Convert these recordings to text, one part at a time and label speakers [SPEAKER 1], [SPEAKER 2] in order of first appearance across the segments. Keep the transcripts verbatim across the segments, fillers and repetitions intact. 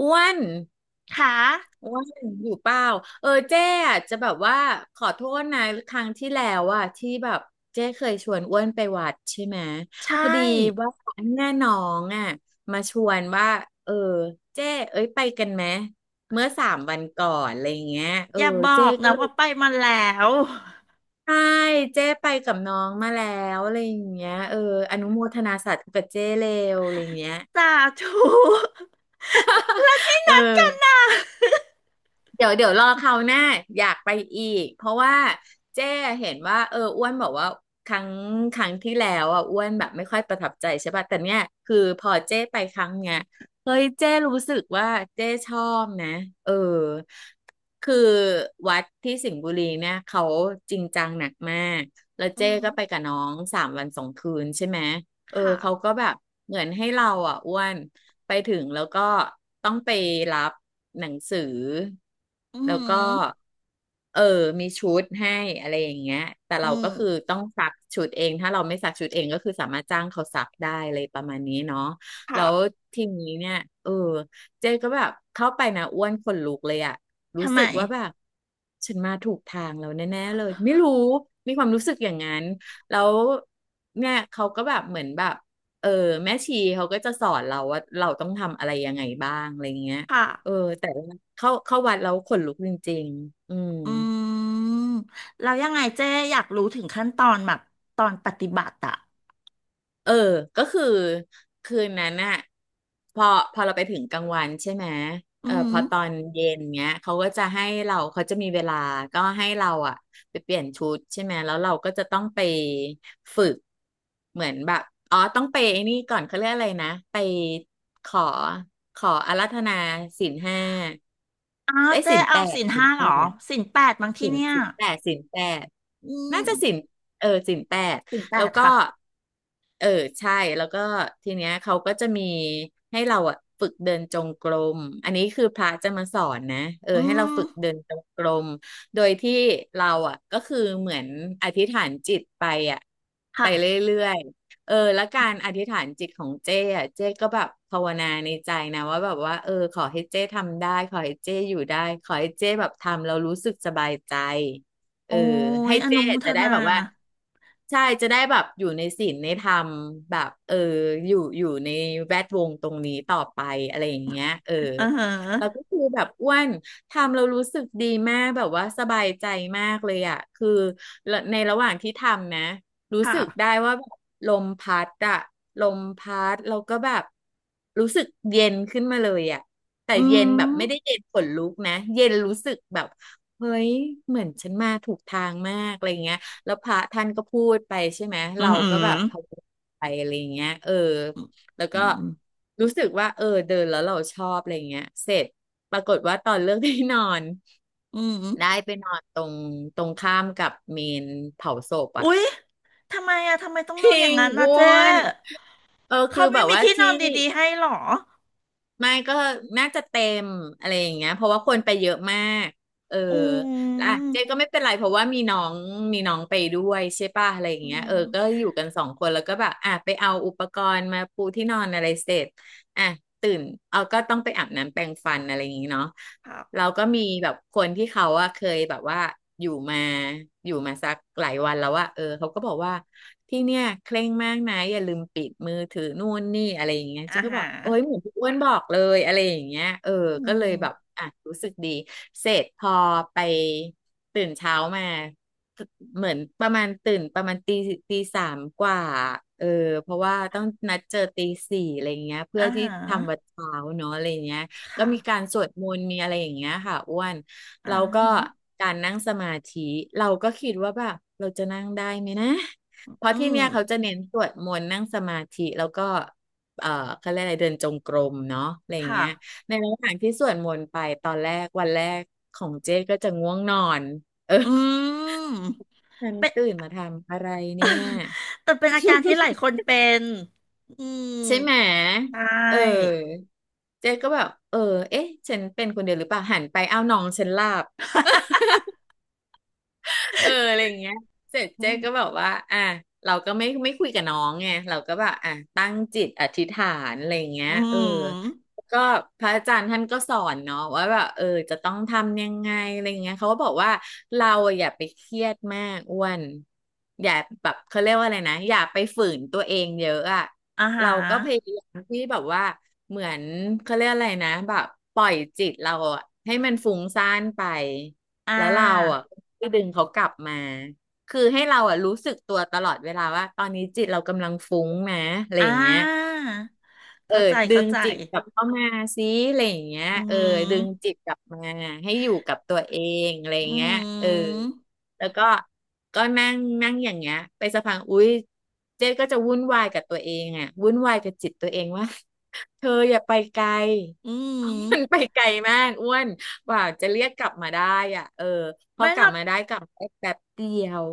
[SPEAKER 1] อ้วน
[SPEAKER 2] ค่ะ
[SPEAKER 1] อ้วนอยู่เปล่าเออเจ๊อะจะแบบว่าขอโทษนะครั้งที่แล้วอะที่แบบเจ๊เคยชวนอ้วนไปวัดใช่ไหม
[SPEAKER 2] ใช
[SPEAKER 1] พอดี
[SPEAKER 2] ่
[SPEAKER 1] ว่าแม่น้องอะมาชวนว่าเออเจ๊เอ้ยไปกันไหมเมื่อสามวันก่อนอะไรอย่างเงี้ยเอ
[SPEAKER 2] อ
[SPEAKER 1] อ
[SPEAKER 2] ย่าบอ
[SPEAKER 1] เจ๊
[SPEAKER 2] ก
[SPEAKER 1] ก็
[SPEAKER 2] นะ
[SPEAKER 1] เลย
[SPEAKER 2] ว่าไปมาแล้ว
[SPEAKER 1] ใช่เจ๊ไปกับน้องมาแล้วอะไรอย่างเงี้ยเอออนุโมทนาสาธุกับเจ๊เลวอะไรอย่างเงี้ย
[SPEAKER 2] สาธุและและที่
[SPEAKER 1] เอ
[SPEAKER 2] นัดกัน
[SPEAKER 1] อ
[SPEAKER 2] น่ะ
[SPEAKER 1] เดี๋ยวเดี๋ยวรอคราวหน้าอยากไปอีกเพราะว่าเจ้เห็นว่าเอออ้วนบอกว่าครั้งครั้งที่แล้วอ่ะอ้วนแบบไม่ค่อยประทับใจใช่ป่ะแต่เนี้ยคือพอเจ้ไปครั้งเนี้ยเฮ้ยเจ้รู้สึกว่าเจ้ชอบนะเออคือวัดที่สิงห์บุรีเนี่ยเขาจริงจังหนักมากแล้ว
[SPEAKER 2] อื
[SPEAKER 1] เจ้
[SPEAKER 2] ม
[SPEAKER 1] ก็ไปกับน้องสามวันสองคืนใช่ไหม เออ
[SPEAKER 2] ค่ะ
[SPEAKER 1] เขาก็แบบเหมือนให้เราอ่ะอ้วนไปถึงแล้วก็ต้องไปรับหนังสือ
[SPEAKER 2] อื
[SPEAKER 1] แล้วก็
[SPEAKER 2] ม
[SPEAKER 1] เออมีชุดให้อะไรอย่างเงี้ยแต่
[SPEAKER 2] อื
[SPEAKER 1] เรา
[SPEAKER 2] ม
[SPEAKER 1] ก็คือต้องซักชุดเองถ้าเราไม่ซักชุดเองก็คือสามารถจ้างเขาซักได้อะไรประมาณนี้เนาะแล้
[SPEAKER 2] ค่ะ
[SPEAKER 1] วทีนี้เนี่ยเออเจ๊ก็แบบเข้าไปนะอ้วนขนลุกเลยอะรู้
[SPEAKER 2] ทำไม
[SPEAKER 1] สึกว่าแบบฉันมาถูกทางแล้วแน่ๆเลยไม่รู้มีความรู้สึกอย่างนั้น แล้วเนี่ยเขาก็แบบเหมือนแบบเออแม่ชีเขาก็จะสอนเราว่าเราต้องทำอะไรยังไงบ้างอะไรเงี้ย
[SPEAKER 2] ค่ะ
[SPEAKER 1] เออแต่ว่าเข้าเข้าวัดแล้วขนลุกจริงๆอืม
[SPEAKER 2] อืมแล้วยังไงเจ๊อยากรู้ถึงขั้นตอนแบบตอนปฏิบัติอะ
[SPEAKER 1] เออ ก็คือคืนนั้นน่ะพอพอเราไปถึงกลางวันใช่ไหม
[SPEAKER 2] อื
[SPEAKER 1] เออพ
[SPEAKER 2] ม
[SPEAKER 1] อตอนเย็นเนี้ยเขาก็จะให้เราเขาจะมีเวลาก็ให้เราอ่ะไปเปลี่ยนชุดใช่ไหมแล้วเราก็จะต้องไปฝึกเหมือนแบบอ๋อต้องไปไอ้นี่ก่อนเขาเรียกอะไรนะไปขอขออาราธนาศีลห้า
[SPEAKER 2] อ้าว
[SPEAKER 1] ได้ย
[SPEAKER 2] เจ๊
[SPEAKER 1] ศีลแป
[SPEAKER 2] เอา
[SPEAKER 1] ด
[SPEAKER 2] ศีล
[SPEAKER 1] ศีล
[SPEAKER 2] ห้าเห
[SPEAKER 1] แป
[SPEAKER 2] รอ
[SPEAKER 1] ด
[SPEAKER 2] ศีลแปดบางที่
[SPEAKER 1] สิน
[SPEAKER 2] เนี่ย
[SPEAKER 1] สินแปดสินแปด
[SPEAKER 2] อื
[SPEAKER 1] น่าจะสิน
[SPEAKER 2] ม
[SPEAKER 1] เออสินแปด
[SPEAKER 2] ศีลแป
[SPEAKER 1] แล้ว
[SPEAKER 2] ด
[SPEAKER 1] ก็
[SPEAKER 2] ค่ะ
[SPEAKER 1] เออใช่แล้วก็ทีเนี้ยเขาก็จะมีให้เราอะฝึกเดินจงกรมอันนี้คือพระจะมาสอนนะเออ
[SPEAKER 2] อื
[SPEAKER 1] ให้เรา
[SPEAKER 2] ม
[SPEAKER 1] ฝึกเดินจงกรมโดยที่เราอะก็คือเหมือนอธิษฐานจิตไปอะไป
[SPEAKER 2] ค่ะ
[SPEAKER 1] เรื่อยๆ เออแล้วการอธิษฐานจิตของเจ้อะเจ้ก็แบบภาวนาในใจนะว่าแบบว่าเออขอให้เจ้ทำได้ขอให้เจ้อยู่ได้ขอให้เจ้แบบทำเรารู้สึกสบายใจเอ
[SPEAKER 2] โอ้
[SPEAKER 1] อ
[SPEAKER 2] ย
[SPEAKER 1] ให้
[SPEAKER 2] อนุ
[SPEAKER 1] เจ้
[SPEAKER 2] โมท
[SPEAKER 1] จะได้
[SPEAKER 2] นา
[SPEAKER 1] แบบว่าใช่จะได้แบบอยู่ในศีลในธรรมแบบเอออยู่อยู่ในแวดวงตรงนี้ต่อไปอะไรอย่างเงี้ยเออ
[SPEAKER 2] เ
[SPEAKER 1] แล้ว
[SPEAKER 2] ออ
[SPEAKER 1] ก็คือแบบอ้วนทำเรารู้สึกดีมากแบบว่าสบายใจมากเลยอ่ะคือในระหว่างที่ทำนะ รู้สึกได้
[SPEAKER 2] ค่ะ
[SPEAKER 1] ว่าแบบลมพัดอะลมพัดแล้วก็แบบรู้สึกเย็นขึ้นมาเลยอะแต่
[SPEAKER 2] อื
[SPEAKER 1] เย็นแบบ
[SPEAKER 2] ม
[SPEAKER 1] ไม่ได้เย็นขนลุกนะเย็นรู้สึกแบบเฮ้ยเหมือนฉันมาถูกทางมากอะไรเงี้ยแล้วพระท่านก็พูดไปใช่ไหม
[SPEAKER 2] อื
[SPEAKER 1] เรา
[SPEAKER 2] มอื
[SPEAKER 1] ก็
[SPEAKER 2] ม
[SPEAKER 1] แบบพะวงไปอะไรเงี้ยเออแล้ว
[SPEAKER 2] อื
[SPEAKER 1] ก็
[SPEAKER 2] ม
[SPEAKER 1] รู้สึกว่าเออเดินแล้วเราชอบอะไรเงี้ยเสร็จปรากฏว่าตอนเลือกที่นอน
[SPEAKER 2] อืม
[SPEAKER 1] ได้ไปนอนตรงตรงข้ามกับเมนเผาศพอะ
[SPEAKER 2] อุ๊ยทำไมอะทำไมต้อง
[SPEAKER 1] จ
[SPEAKER 2] นอน
[SPEAKER 1] ริ
[SPEAKER 2] อย่าง
[SPEAKER 1] ง
[SPEAKER 2] นั้นนะ
[SPEAKER 1] อ้ว
[SPEAKER 2] เจ๊
[SPEAKER 1] นเออคื
[SPEAKER 2] เขา
[SPEAKER 1] อแบ
[SPEAKER 2] ไม่
[SPEAKER 1] บ
[SPEAKER 2] มี
[SPEAKER 1] ว่า
[SPEAKER 2] ที่นอ
[SPEAKER 1] ที่
[SPEAKER 2] นดีๆให้หรอ
[SPEAKER 1] ไม่ก็น่าจะเต็มอะไรอย่างเงี้ยเพราะว่าคนไปเยอะมากเออ
[SPEAKER 2] อื
[SPEAKER 1] แล้วอ่ะเจ๊
[SPEAKER 2] ม
[SPEAKER 1] ก็ไม่เป็นไรเพราะว่ามีน้องมีน้องไปด้วยใช่ป่ะอะไรอย่าง
[SPEAKER 2] อื
[SPEAKER 1] เงี้ยเอ
[SPEAKER 2] ม
[SPEAKER 1] อก็อยู่กันสองคนแล้วก็แบบอ่ะไปเอาอุปกรณ์มาปูที่นอนอะไรเสร็จอ่ะตื่นเอาก็ต้องไปอาบน้ำแปรงฟันอะไรอย่างงี้เนาะ
[SPEAKER 2] ครับ
[SPEAKER 1] เราก็มีแบบคนที่เขาอะเคยแบบว่าอยู่มาอยู่มาสักหลายวันแล้วว่าเออเขาก็บอกว่าที่เนี่ยเคร่งมากนะอย่าลืมปิดมือถือนู่นนี่อะไรอย่างเงี้ย
[SPEAKER 2] อา
[SPEAKER 1] ฉันก็บ
[SPEAKER 2] หา
[SPEAKER 1] อก
[SPEAKER 2] ร
[SPEAKER 1] โอ้ยเหมือนพี่อ้วนบอกเลยอะไรอย่างเงี้ยเออ
[SPEAKER 2] อื
[SPEAKER 1] ก็เล
[SPEAKER 2] ม
[SPEAKER 1] ยแบบอ่ะรู้สึกดีเสร็จพอไปตื่นเช้ามาเหมือนประมาณตื่นประมาณตีตีสามกว่าเออเพราะว่าต้องนัดเจอตีสี่อะไรเงี้ยเพื่
[SPEAKER 2] อา
[SPEAKER 1] อที่
[SPEAKER 2] หา
[SPEAKER 1] ทำวัด
[SPEAKER 2] ร
[SPEAKER 1] เช้าเนาะอะไรเงี้ย ก็
[SPEAKER 2] ค่ะ
[SPEAKER 1] มีการสวดมนต์มีอะไรอย่างเงี้ยค่ะอ้วน
[SPEAKER 2] อ่
[SPEAKER 1] แล้วก็
[SPEAKER 2] า
[SPEAKER 1] การนั่งสมาธิเราก็คิดว่าแบบเราจะนั่งได้ไหมนะเพราะ
[SPEAKER 2] อื
[SPEAKER 1] ที่
[SPEAKER 2] ม
[SPEAKER 1] เนี่ยเขาจะเน้นสวดมนต์นั่งสมาธิแล้วก็เอ่อเขาเรียกอะไรเดินจงกรมเนาะอะไรอย่าง
[SPEAKER 2] ค่ะ
[SPEAKER 1] เงี้ยในระหว่างที่สวดมนต์ไปตอนแรกวันแรกของเจ๊ก็จะง่วงนอนเออ
[SPEAKER 2] อืม
[SPEAKER 1] ฉัน
[SPEAKER 2] เป็น
[SPEAKER 1] ตื่นมาทำอะไรเนี่ย
[SPEAKER 2] แต่เป็นอาการที่หลายคนเป็นอืม
[SPEAKER 1] ใช่ไหม
[SPEAKER 2] ใช่
[SPEAKER 1] เออเจ๊ก็แบบเออเอ๊ะฉันเป็นคนเดียวหรือเปล่าหันไปอ้าวน้องฉันหลับ เอออะไรอย่างเงี้ยเสร็จ
[SPEAKER 2] อื
[SPEAKER 1] เจ๊
[SPEAKER 2] ม
[SPEAKER 1] ก็แบบว่าอ่ะเราก็ไม่ไม่คุยกับน้องไงเราก็แบบอ่ะตั้งจิตอธิษฐานอะไรอย่างเงี้ย
[SPEAKER 2] อื
[SPEAKER 1] เออ
[SPEAKER 2] ม
[SPEAKER 1] ก็พระอาจารย์ท่านก็สอนเนาะว่าแบบเออจะต้องทำยังไงอะไรอย่างเงี้ยเขาก็บอกว่าเราอะอย่าไปเครียดมากอ้วนอย่าแบบเขาเรียกว่าอะไรนะอย่าไปฝืนตัวเองเยอะอะ
[SPEAKER 2] อาหา
[SPEAKER 1] เราก็พยา
[SPEAKER 2] ร
[SPEAKER 1] ยามที่แบบว่าเหมือนเขาเรียกอะไรนะแบบปล่อยจิตเราอะให้มันฟุ้งซ่านไป
[SPEAKER 2] อ่
[SPEAKER 1] แล้วเรา
[SPEAKER 2] า
[SPEAKER 1] อ่ะก็ดึงเขากลับมาคือให้เราอ่ะรู้สึกตัวตลอดเวลาว่าตอนนี้จิตเรากำลังฟุ้งนะอะไร
[SPEAKER 2] อ่
[SPEAKER 1] อย่างเงี้ย
[SPEAKER 2] า
[SPEAKER 1] เออ
[SPEAKER 2] เข้าใจ
[SPEAKER 1] ดึ
[SPEAKER 2] เข้า
[SPEAKER 1] ง
[SPEAKER 2] ใจ
[SPEAKER 1] จิตกลับเข้ามาซิอะไรอย่างเงี้ย
[SPEAKER 2] อื
[SPEAKER 1] เออดึงจิ
[SPEAKER 2] ม
[SPEAKER 1] ตกลับมาให้อยู่กับตัวเองอะไรอ
[SPEAKER 2] อ
[SPEAKER 1] ย่าง
[SPEAKER 2] หื
[SPEAKER 1] เงี้ยเออ
[SPEAKER 2] อ
[SPEAKER 1] แล้วก็ก็นั่งนั่งอย่างเงี้ยไปสักพักอุ๊ยเจ๊ก็จะวุ่นวายกับตัวเองอ่ะวุ่นวายกับจิตตัวเองว่า เธออย่าไปไกล
[SPEAKER 2] อืม
[SPEAKER 1] เพราะ
[SPEAKER 2] อืม
[SPEAKER 1] มันไปไกลมากอ้วนกว่าจะเรียกกลับมาได้อ่ะเออพอ
[SPEAKER 2] ไม่
[SPEAKER 1] ก
[SPEAKER 2] หร
[SPEAKER 1] ลับ
[SPEAKER 2] อก
[SPEAKER 1] มาได้กลับมาได้แป๊บเดียว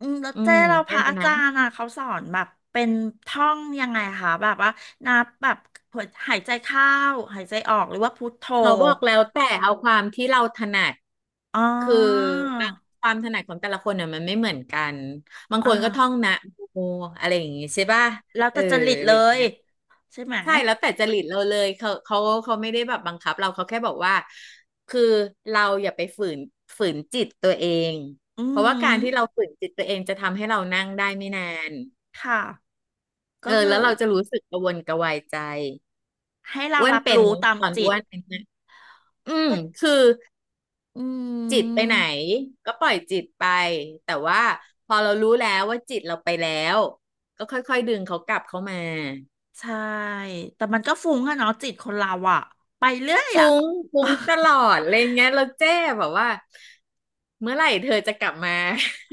[SPEAKER 2] อืมแล้ว
[SPEAKER 1] อื
[SPEAKER 2] เจ้
[SPEAKER 1] ม
[SPEAKER 2] เราพ
[SPEAKER 1] ได้
[SPEAKER 2] ระอา
[SPEAKER 1] นะ
[SPEAKER 2] จารย์อ่ะเขาสอนแบบเป็นท่องยังไงคะแบบว่านับแบบหัวหายใจเข้าหายใจออกหรือว่าพุทโธ
[SPEAKER 1] เขาบอกแล้วแต่เอาความที่เราถนัด
[SPEAKER 2] อ๋อ
[SPEAKER 1] คือความถนัดของแต่ละคนเนี่ยมันไม่เหมือนกันบาง
[SPEAKER 2] อ
[SPEAKER 1] คนก็ท่อง
[SPEAKER 2] ่า
[SPEAKER 1] นะโมอะไรอย่างงี้ใช่ป่ะ
[SPEAKER 2] แล้ว
[SPEAKER 1] เอ
[SPEAKER 2] แต่
[SPEAKER 1] อ
[SPEAKER 2] จริต
[SPEAKER 1] อะ
[SPEAKER 2] เล
[SPEAKER 1] ไรอย่าง
[SPEAKER 2] ย
[SPEAKER 1] เงี้ย
[SPEAKER 2] ใช่ไหม
[SPEAKER 1] ใช่แล้วแต่จริตเราเลยเขาเขาเขาไม่ได้แบบบังคับเราเขาแค่บอกว่าคือเราอย่าไปฝืนฝืนจิตตัวเอง
[SPEAKER 2] อื
[SPEAKER 1] เพราะว่าการ
[SPEAKER 2] ม
[SPEAKER 1] ที่เราฝืนจิตตัวเองจะทำให้เรานั่งได้ไม่นาน
[SPEAKER 2] ค่ะ
[SPEAKER 1] เอ
[SPEAKER 2] ก็
[SPEAKER 1] อ
[SPEAKER 2] คือ
[SPEAKER 1] แล้วเราจะรู้สึกกระวนกระวายใจ
[SPEAKER 2] ให้เรา
[SPEAKER 1] อ้วน
[SPEAKER 2] รับ
[SPEAKER 1] เป็น
[SPEAKER 2] รู้
[SPEAKER 1] ไหม
[SPEAKER 2] ตาม
[SPEAKER 1] ตอน
[SPEAKER 2] จิ
[SPEAKER 1] อ้
[SPEAKER 2] ต
[SPEAKER 1] วนเป็นนะอืม
[SPEAKER 2] ปะ
[SPEAKER 1] คือ
[SPEAKER 2] อื
[SPEAKER 1] จิตไปไหน
[SPEAKER 2] ม
[SPEAKER 1] ก็ปล่อยจิตไปแต่ว่าพอเรารู้แล้วว่าจิตเราไปแล้วก็ค่อยๆดึงเขากลับเข้ามา
[SPEAKER 2] ใช่แต่มันก็ฟุ้งอะเนาะจิตคนเราอะไปเรื่อย
[SPEAKER 1] ฟุ้
[SPEAKER 2] อะ
[SPEAKER 1] งฟุ้งตลอดอะไรเงี้ยเราเจ้แบบว่าเมื่อไหร่เธอจะกลับมา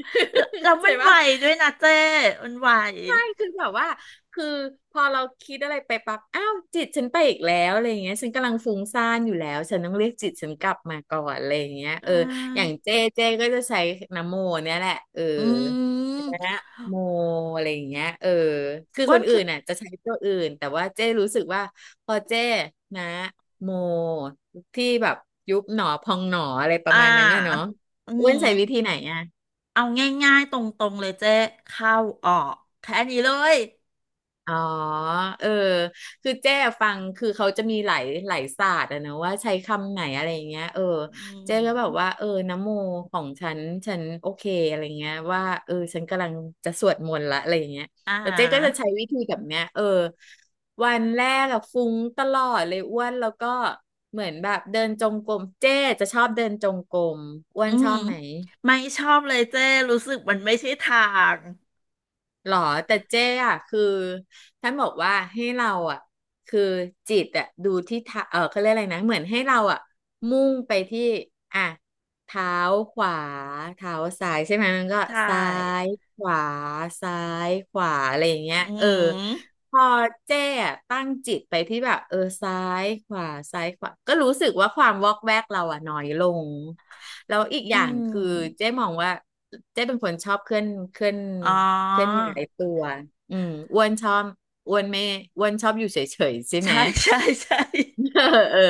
[SPEAKER 2] แล้วแล้ ว
[SPEAKER 1] เข้าใจ
[SPEAKER 2] มันไว
[SPEAKER 1] ปะ
[SPEAKER 2] ด้วยนะเจ้มันไว
[SPEAKER 1] คือแบบว่าคือพอเราคิดอะไรไปปั๊บอ้าวจิตฉันไปอีกแล้วอะไรอย่างเงี้ยฉันกำลังฟุ้งซ่านอยู่แล้วฉันต้องเรียกจิตฉันกลับมาก่อนอะไรอย่างเงี้ย
[SPEAKER 2] ใช
[SPEAKER 1] เอออย่าง
[SPEAKER 2] ่
[SPEAKER 1] เจ้เจก็จะใช้นะโมเนี่ยแหละเออ
[SPEAKER 2] อื
[SPEAKER 1] นะ
[SPEAKER 2] ม
[SPEAKER 1] โมอะไรอย่างเงี้ยเออคือ
[SPEAKER 2] อ้
[SPEAKER 1] ค
[SPEAKER 2] วน
[SPEAKER 1] นอื่
[SPEAKER 2] คือ
[SPEAKER 1] นน่ะจะใช้ตัวอื่นแต่ว่าเจ้รู้สึกว่าพอเจ้นะโมที่แบบยุบหนอพองหนออะไรประ
[SPEAKER 2] อ่
[SPEAKER 1] มาณนั้นน่ะเนาะ
[SPEAKER 2] าอื
[SPEAKER 1] อ้วนใช้วิ
[SPEAKER 2] ม
[SPEAKER 1] ธีไหนอ่ะ
[SPEAKER 2] เอาง่ายๆตรงๆเลยเจ้เข้าออกแค่นี้เลย
[SPEAKER 1] อ๋อเออคือเจ๊ฟังคือเขาจะมีหลายหลายศาสตร์อะนะว่าใช้คำไหนอะไรอย่างเงี้ยเออ
[SPEAKER 2] อื
[SPEAKER 1] เจ๊ก็แบบว่า
[SPEAKER 2] ม
[SPEAKER 1] เออนะโมของฉัน ฉันโอเคอะไรเงี้ยว่าเออฉันกำลังจะสวดมนต์ละอะไรอย่างเงี้ย
[SPEAKER 2] อ่
[SPEAKER 1] แล้วเจ๊ก็จะ
[SPEAKER 2] า
[SPEAKER 1] ใช้วิธีแบบเนี้ยเออวันแรกอะฟุ้งตลอดเลยอ้วนแล้วก็เหมือนแบบเดินจงกรมเจ๊จะชอบเดินจงกรมอ้ว
[SPEAKER 2] อื
[SPEAKER 1] นช
[SPEAKER 2] ม
[SPEAKER 1] อบไหม
[SPEAKER 2] ไม่ชอบเลยเจ้รู้สึกมันไม่ใช่ทาง
[SPEAKER 1] หรอแต่เจ๊อ่ะคือท่านบอกว่าให้เราอ่ะคือจิตอ่ะดูที่เท้าเออเขาเรียกอะไรนะเหมือนให้เราอ่ะมุ่งไปที่อ่ะเท้าขวาเท้าซ้ายใช่ไหมมันก็
[SPEAKER 2] ใช่
[SPEAKER 1] ซ้ายขวาซ้ายขวาอะไรอย่างเงี้ย
[SPEAKER 2] อื
[SPEAKER 1] เออ
[SPEAKER 2] ม
[SPEAKER 1] พอเจ๊อ่ะตั้งจิตไปที่แบบเออซ้ายขวาซ้ายขวาก็รู้สึกว่าความวอกแวกเราอ่ะน้อยลงแล้วอีกอ
[SPEAKER 2] อื
[SPEAKER 1] ย่างคือเจ๊
[SPEAKER 2] ม
[SPEAKER 1] มองว่าเจ๊เป็นคนชอบเคลื่อนเคลื่อน
[SPEAKER 2] อ๋อ
[SPEAKER 1] เส้นใหญ่ตัวอืมอ้วนชอบอ้วนไม่อ้วนชอบอยู่เฉยๆใช่ไหม
[SPEAKER 2] ใช่ ใช่ใช่
[SPEAKER 1] เออ เออ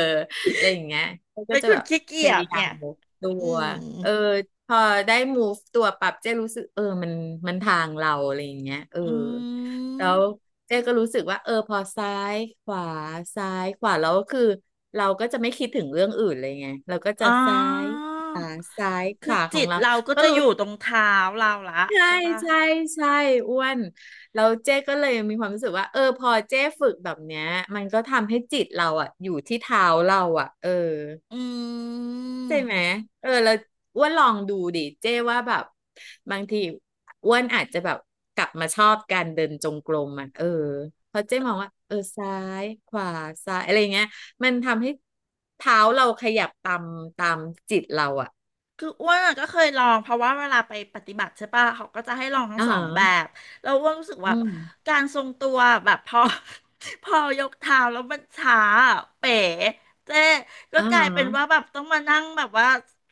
[SPEAKER 1] อะไรอย่างเงี้ยก็
[SPEAKER 2] เป็น
[SPEAKER 1] จะ
[SPEAKER 2] ค
[SPEAKER 1] แบ
[SPEAKER 2] น
[SPEAKER 1] บ
[SPEAKER 2] ขี้
[SPEAKER 1] พ
[SPEAKER 2] เกียจ
[SPEAKER 1] ยายา
[SPEAKER 2] เนี่
[SPEAKER 1] ม
[SPEAKER 2] ย
[SPEAKER 1] move ตั
[SPEAKER 2] อื
[SPEAKER 1] ว
[SPEAKER 2] ม
[SPEAKER 1] เออพอได้ move ตัวปรับเจ๊รู้สึกเออมันมันทางเราอะไรอย่างเงี้ยเออ
[SPEAKER 2] อื
[SPEAKER 1] แล้ว
[SPEAKER 2] ม
[SPEAKER 1] เจ๊ก็รู้สึกว่าเออพอซ้ายขวาซ้ายขวาแล้วคือเราก็จะไม่คิดถึงเรื่องอื่นเลยไงเราก็จะ
[SPEAKER 2] อ๋
[SPEAKER 1] ซ้าย
[SPEAKER 2] อ
[SPEAKER 1] ขวาซ้ายข
[SPEAKER 2] คือ
[SPEAKER 1] วาขอ
[SPEAKER 2] จิ
[SPEAKER 1] ง
[SPEAKER 2] ต
[SPEAKER 1] เรา
[SPEAKER 2] เราก็
[SPEAKER 1] ก็
[SPEAKER 2] จะ
[SPEAKER 1] รู้
[SPEAKER 2] อยู่ตรงเท้าเราละ
[SPEAKER 1] ใช่
[SPEAKER 2] ใช่ปะ
[SPEAKER 1] ใช่ใช่อ้วนแล้วเจ๊ก็เลยมีความรู้สึกว่าเออพอเจ๊ฝึกแบบเนี้ยมันก็ทำให้จิตเราอะอยู่ที่เท้าเราอะเออ
[SPEAKER 2] อื
[SPEAKER 1] ใช่ไหม
[SPEAKER 2] ม
[SPEAKER 1] เออแล้วอ้วนลองดูดิเจ๊ว่าแบบบางทีอ้วนอาจจะแบบกลับมาชอบการเดินจงกรมอะเออเพราะเจ๊มองว่าเออซ้ายขวาซ้ายอะไรเงี้ยมันทำให้เท้าเราขยับตามตามจิตเราอะ
[SPEAKER 2] คืออ้วนอะก็เคยลองเพราะว่าเวลาไปปฏิบัติใช่ปะเขาก็จะให้ลองทั้ง
[SPEAKER 1] อ่า
[SPEAKER 2] สอ
[SPEAKER 1] ฮะ
[SPEAKER 2] งแบบแล้วอ้วนรู้สึก
[SPEAKER 1] อื
[SPEAKER 2] ว่า
[SPEAKER 1] ม
[SPEAKER 2] การทรงตัวแบบพอ พอยกเท้าแล้วมันช้าอะเป๋เจ๊ก็
[SPEAKER 1] อ่า
[SPEAKER 2] กลา
[SPEAKER 1] ฮะ
[SPEAKER 2] ยเป็นว่าแบบต้องมานั่งแบบว่า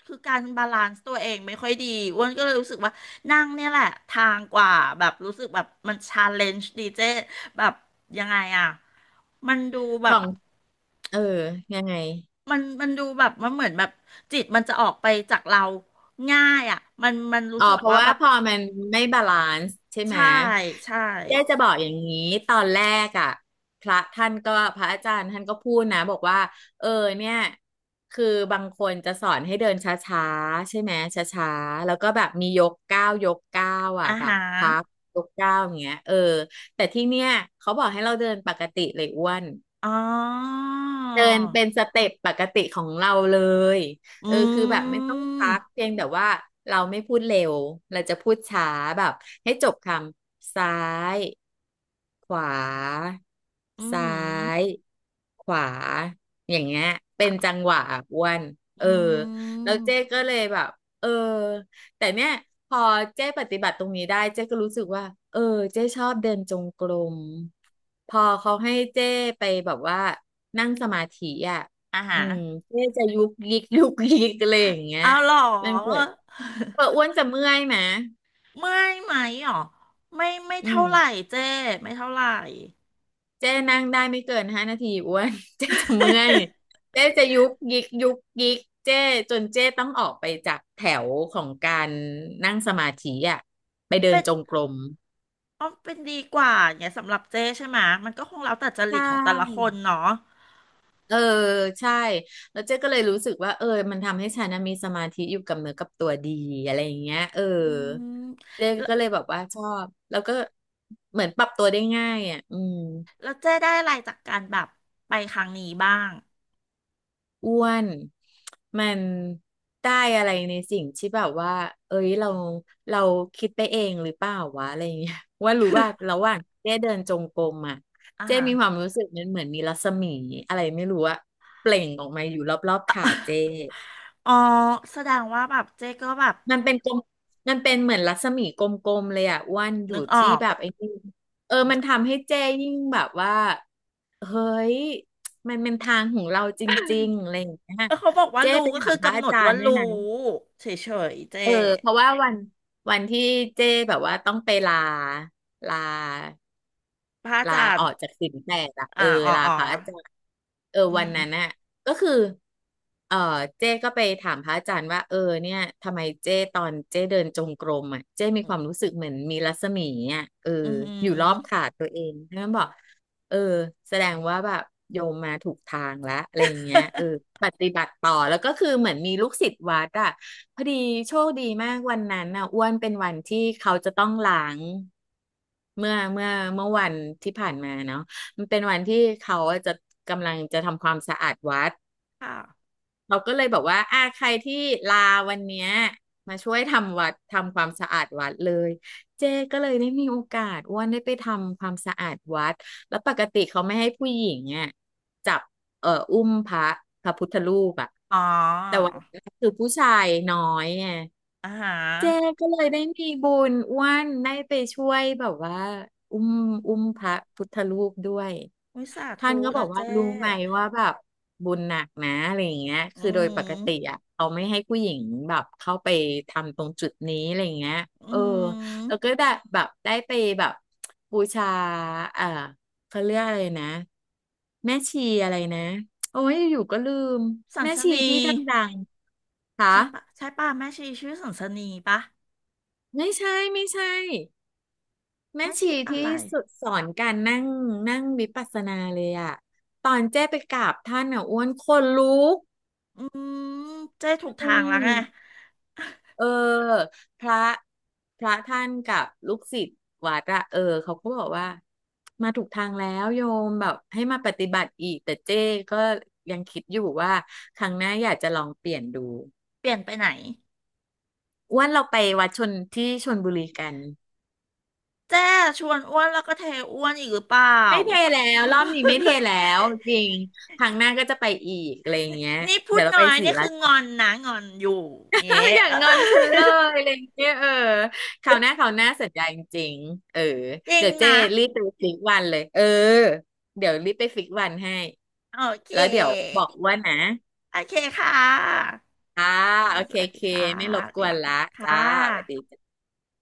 [SPEAKER 2] คือการบาลานซ์ตัวเองไม่ค่อยดีอ้วนก็เลยรู้สึกว่านั่งเนี่ยแหละทางกว่าแบบรู้สึกแบบมันชาเลนจ์ดีเจ๊แบบยังไงอะมันดูแบ
[SPEAKER 1] ขอ
[SPEAKER 2] บ
[SPEAKER 1] งเออยังไง
[SPEAKER 2] มันมันดูแบบมันเหมือนแบบจิตมันจะออกไปจากเราง่ายอ่ะมันมันรู้
[SPEAKER 1] อ๋อ
[SPEAKER 2] สึก
[SPEAKER 1] เพราะ
[SPEAKER 2] ว่าแบ
[SPEAKER 1] ว่า
[SPEAKER 2] บ
[SPEAKER 1] พอมันไม่บาลานซ์ใช่ไหม
[SPEAKER 2] ใช่ใช่
[SPEAKER 1] เจ๊จะบอกอย่างนี้ตอนแรกอ่ะพระท่านก็พระอาจารย์ท่านก็พูดนะบอกว่าเออเนี่ยคือบางคนจะสอนให้เดินช้าๆใช่ไหมช้าๆแล้วก็แบบมียกก้าวยกก้าวอ่ะ
[SPEAKER 2] อา
[SPEAKER 1] แบบ
[SPEAKER 2] หา
[SPEAKER 1] พักยกก้าวอย่างเงี้ยเออแต่ที่เนี่ยเขาบอกให้เราเดินปกติเลยอ้วน
[SPEAKER 2] อ๋อ
[SPEAKER 1] เดินเป็นสเต็ปปกติของเราเลย
[SPEAKER 2] อื
[SPEAKER 1] เออคือแบบไม่ต้องพัก
[SPEAKER 2] ม
[SPEAKER 1] เพียงแต่ว่าเราไม่พูดเร็วเราจะพูดช้าแบบให้จบคำซ้ายขวา
[SPEAKER 2] อื
[SPEAKER 1] ซ้าย
[SPEAKER 2] ม
[SPEAKER 1] ขวาอย่างเงี้ยเป็นจั
[SPEAKER 2] ค่ะ
[SPEAKER 1] งหวะอะ้วนเออ
[SPEAKER 2] อื
[SPEAKER 1] แล้ว
[SPEAKER 2] ม
[SPEAKER 1] เจ๊ก็เลยแบบเออ แต่เนี่ยพอเจ๊ปฏิบัติตรงนี้ได้เจ๊ก็รู้สึกว่าเออเจ๊ชอบเดินจงกรมพอเขาให้เจ๊ไปแบบว่านั่งสมาธิอ่ะ
[SPEAKER 2] อาหา
[SPEAKER 1] อืมเจ๊จะยุกยิกยุกยิกอะไรอย่างเงี้ย
[SPEAKER 2] เอาเหร
[SPEAKER 1] นั่นเกิด
[SPEAKER 2] อ
[SPEAKER 1] เอออ้วนจะเมื่อยไหม
[SPEAKER 2] เมื่อ ยไหมหรอไม่ไม่
[SPEAKER 1] อื
[SPEAKER 2] เท่า
[SPEAKER 1] ม
[SPEAKER 2] ไหร่เจ้ไม่เท่าไหร่
[SPEAKER 1] เจ๊นั่งได้ไม่เกินห้านาทีอ้วน เจ๊จะเมื่อยเจ๊จะยุกยิกยุกยิกเจ๊จนเจ๊ต้องออกไปจากแถวของการนั่งสมาธิอ่ะไปเดิ
[SPEAKER 2] เป็
[SPEAKER 1] น
[SPEAKER 2] น
[SPEAKER 1] จงกรม
[SPEAKER 2] อ๋อเป็นดีกว่าเนี่ยสำหรับเจ้ใช่ไหมะมันก็คงแล้วแต่จ
[SPEAKER 1] ใช
[SPEAKER 2] ริตของแต่ละค
[SPEAKER 1] ่
[SPEAKER 2] นเนาะ
[SPEAKER 1] เออใช่แล้วเจ๊ก็เลยรู้สึกว่าเออมันทำให้ฉันน่ะมีสมาธิอยู่กับเนื้อกับตัวดีอะไรอย่างเงี้ยเออ
[SPEAKER 2] อืม
[SPEAKER 1] เจ๊ก็เลยแบบว่าชอบแล้วก็เหมือนปรับตัวได้ง่ายอ่ะอืม
[SPEAKER 2] แล้วเจ๊ได้อะไรจากการแบบไปครั้งนี้บ้าง
[SPEAKER 1] อ้วนมันได้อะไรในสิ่งที่แบบว่าเอ้ยเราเราคิดไปเองหรือเปล่าวะอะไรอย่างเงี้ย ว่ารู้ว่าระหว่างเจ๊เดินจงกรมอ่ะ
[SPEAKER 2] อ่า
[SPEAKER 1] เจ๊
[SPEAKER 2] ฮะ
[SPEAKER 1] มีความรู้สึกมันเหมือนมีรัศมีอะไรไม่รู้อะเปล่งออกมาอยู่รอบๆขาเจ๊
[SPEAKER 2] อ๋อแสดงว่าแบบเจ๊ก็แบบ
[SPEAKER 1] มันเป็นกลมมันเป็นเหมือนรัศมีกลมๆเลยอ่ะอ้วนอยู่
[SPEAKER 2] นึกอ
[SPEAKER 1] ที่
[SPEAKER 2] อก
[SPEAKER 1] แบบไอ้นี่เออ
[SPEAKER 2] เน
[SPEAKER 1] มัน
[SPEAKER 2] อะ
[SPEAKER 1] ทำให้เจ้ยิ่งแบบว่าเฮ้ยมันเป็นทางของเราจริงๆอะไรอย่างเงี้ย
[SPEAKER 2] เออเขาบอกว่า
[SPEAKER 1] เจ้
[SPEAKER 2] รู้
[SPEAKER 1] ไป
[SPEAKER 2] ก็
[SPEAKER 1] ถา
[SPEAKER 2] คือ
[SPEAKER 1] มพระ
[SPEAKER 2] กำหน
[SPEAKER 1] อา
[SPEAKER 2] ด
[SPEAKER 1] จาร
[SPEAKER 2] ว่า
[SPEAKER 1] ย์ด้วย
[SPEAKER 2] รู้
[SPEAKER 1] นะ
[SPEAKER 2] เฉยๆเจ๊
[SPEAKER 1] เออเพราะว่าวันวันที่เจ้แบบว่าต้องไปลาลา
[SPEAKER 2] พระอา
[SPEAKER 1] ลา
[SPEAKER 2] จาร
[SPEAKER 1] อ
[SPEAKER 2] ย์
[SPEAKER 1] อกจากศีลแปดอะเออ
[SPEAKER 2] อ่าอ๋อ
[SPEAKER 1] ลา
[SPEAKER 2] อ๋อ
[SPEAKER 1] พระอาจารย์เออ
[SPEAKER 2] อื
[SPEAKER 1] วัน
[SPEAKER 2] ม
[SPEAKER 1] นั้นน่ะก็คือเออเจ้ก็ไปถามพระอาจารย์ว่าเออเนี่ยทำไมเจ้ตอนเจ้เดินจงกรมอ่ะเจ้มี
[SPEAKER 2] อื
[SPEAKER 1] ค
[SPEAKER 2] ม
[SPEAKER 1] วามรู้สึกเหมือนมีรัศมีอ่ะเออ
[SPEAKER 2] อืมอืม
[SPEAKER 1] อยู่รอบขาตัวเองท่านบอก เออแสดงว่าแบบโยมมาถูกทางแล้วอะไรอย่างเงี้ยเออปฏิบัติต่อแล้วก็คือเหมือนมีลูกศิษย์วัดอ่ะพอดีโชคดีมากวันนั้นน่ะอ้วนเป็นวันที่เขาจะต้องล้างเมื่อเมื่อเมื่อวันที่ผ่านมาเนาะมันเป็นวันที่เขาอะจะกำลังจะทำความสะอาดวัด
[SPEAKER 2] ค่ะ
[SPEAKER 1] เราก็เลยบอกว่าอ่าใครที่ลาวันเนี้ยมาช่วยทำวัดทำความสะอาดวัดเลย เจ๊ก็เลยได้มีโอกาสอ้วนได้ไปทำความสะอาดวัดแล้วปกติเขาไม่ให้ผู้หญิงเนี่ยจับเอ่ออุ้มพระพระพุทธรูปอะ
[SPEAKER 2] อ๋อ
[SPEAKER 1] แต่วันนี้นคือผู้ชายน้อยไง
[SPEAKER 2] อ่าฮะ
[SPEAKER 1] เจก็เลยได้มีบุญอ้วนได้ไปช่วยแบบว่าอุ้มอุ้มพระพุทธรูปด้วย
[SPEAKER 2] วิสา
[SPEAKER 1] ท่า
[SPEAKER 2] ธุ
[SPEAKER 1] นก็บอ
[SPEAKER 2] นะ
[SPEAKER 1] กว่า
[SPEAKER 2] เจ๊
[SPEAKER 1] รู้ไหมว่าแบบบุญหนักนะอะไรอย่างเงี้ยคื
[SPEAKER 2] อื
[SPEAKER 1] อโดยปก
[SPEAKER 2] ม
[SPEAKER 1] ติอ่ะเขาไม่ให้ผู้หญิงแบบเข้าไปทำตรงจุดนี้อะไรอย่างเงี้ย
[SPEAKER 2] อื
[SPEAKER 1] เออแล้ว
[SPEAKER 2] ม
[SPEAKER 1] ก็ได้แบบได้ไปแบบบูชาเอ่อเขาเรียกอะไรนะแม่ชีอะไรนะโอ้ยอยู่ก็ลืม
[SPEAKER 2] สัน
[SPEAKER 1] แม่
[SPEAKER 2] ส
[SPEAKER 1] ชี
[SPEAKER 2] นี
[SPEAKER 1] ที่ดังๆค่ะ
[SPEAKER 2] ใช่ปะใช่ปะแม่ชีชื่อสันสนีปะ
[SPEAKER 1] ไม่ใช่ไม่ใช่ แม่
[SPEAKER 2] แม่ชี
[SPEAKER 1] ชี
[SPEAKER 2] อะ
[SPEAKER 1] ที่
[SPEAKER 2] ไร
[SPEAKER 1] สุดสอนการนั่งนั่งวิปัสสนาเลยอะตอนเจ้ไปกราบท่านอะอ้วนคนลุก
[SPEAKER 2] อืมเจ้ถูก
[SPEAKER 1] อื
[SPEAKER 2] ทางแล้วไง
[SPEAKER 1] มเออพระพระท่านกับลูกศิษย์วัดอะเออเขาก็บอกว่ามาถูกทางแล้วโยมแบบให้มาปฏิบัติอีกแต่เจ้ก็ยังคิดอยู่ว่าครั้งหน้าอยากจะลองเปลี่ยนดู
[SPEAKER 2] เปลี่ยนไปไหน
[SPEAKER 1] อ้วนเราไปวัดชนที่ชลบุรีกัน
[SPEAKER 2] เจ้ชวนอ้วนแล้วก็เทอ้วนอีกหรือเปล่า
[SPEAKER 1] ไม่เทแล้วรอบนี้ไม่เทแล้วจริงครั้งหน้าก็จะไปอีกอะไรอย่างเงี้ย
[SPEAKER 2] นี่พู
[SPEAKER 1] เดี๋
[SPEAKER 2] ด
[SPEAKER 1] ยวเรา
[SPEAKER 2] น้
[SPEAKER 1] ไป
[SPEAKER 2] อย
[SPEAKER 1] ศรี
[SPEAKER 2] นี่
[SPEAKER 1] รา
[SPEAKER 2] คืองอ
[SPEAKER 1] ชา
[SPEAKER 2] นนะงอนอยู่เงี้ ย
[SPEAKER 1] อย่างงอนฉันเลย อะไรอย่างเงี้ยเออคราวหน้าคราวหน้าสัญญาจริงๆเออ
[SPEAKER 2] จริง
[SPEAKER 1] เดี๋ยวเจ้
[SPEAKER 2] นะ
[SPEAKER 1] รีบไปฟิกวันเลยเออเดี๋ยวรีบไปฟิกวันให้
[SPEAKER 2] โอเค
[SPEAKER 1] แล้วเดี๋ยวบอกว่านะ
[SPEAKER 2] โอเคค่ะ
[SPEAKER 1] อ่า
[SPEAKER 2] ค่ะ
[SPEAKER 1] โอ
[SPEAKER 2] ส
[SPEAKER 1] เค
[SPEAKER 2] วัส
[SPEAKER 1] โอ
[SPEAKER 2] ดี
[SPEAKER 1] เค
[SPEAKER 2] ค่ะ
[SPEAKER 1] ไม่รบ
[SPEAKER 2] สวัส
[SPEAKER 1] ก
[SPEAKER 2] ดี
[SPEAKER 1] วนละ
[SPEAKER 2] ค่ะค่
[SPEAKER 1] จ้าสวัสดี
[SPEAKER 2] ะ
[SPEAKER 1] จ้า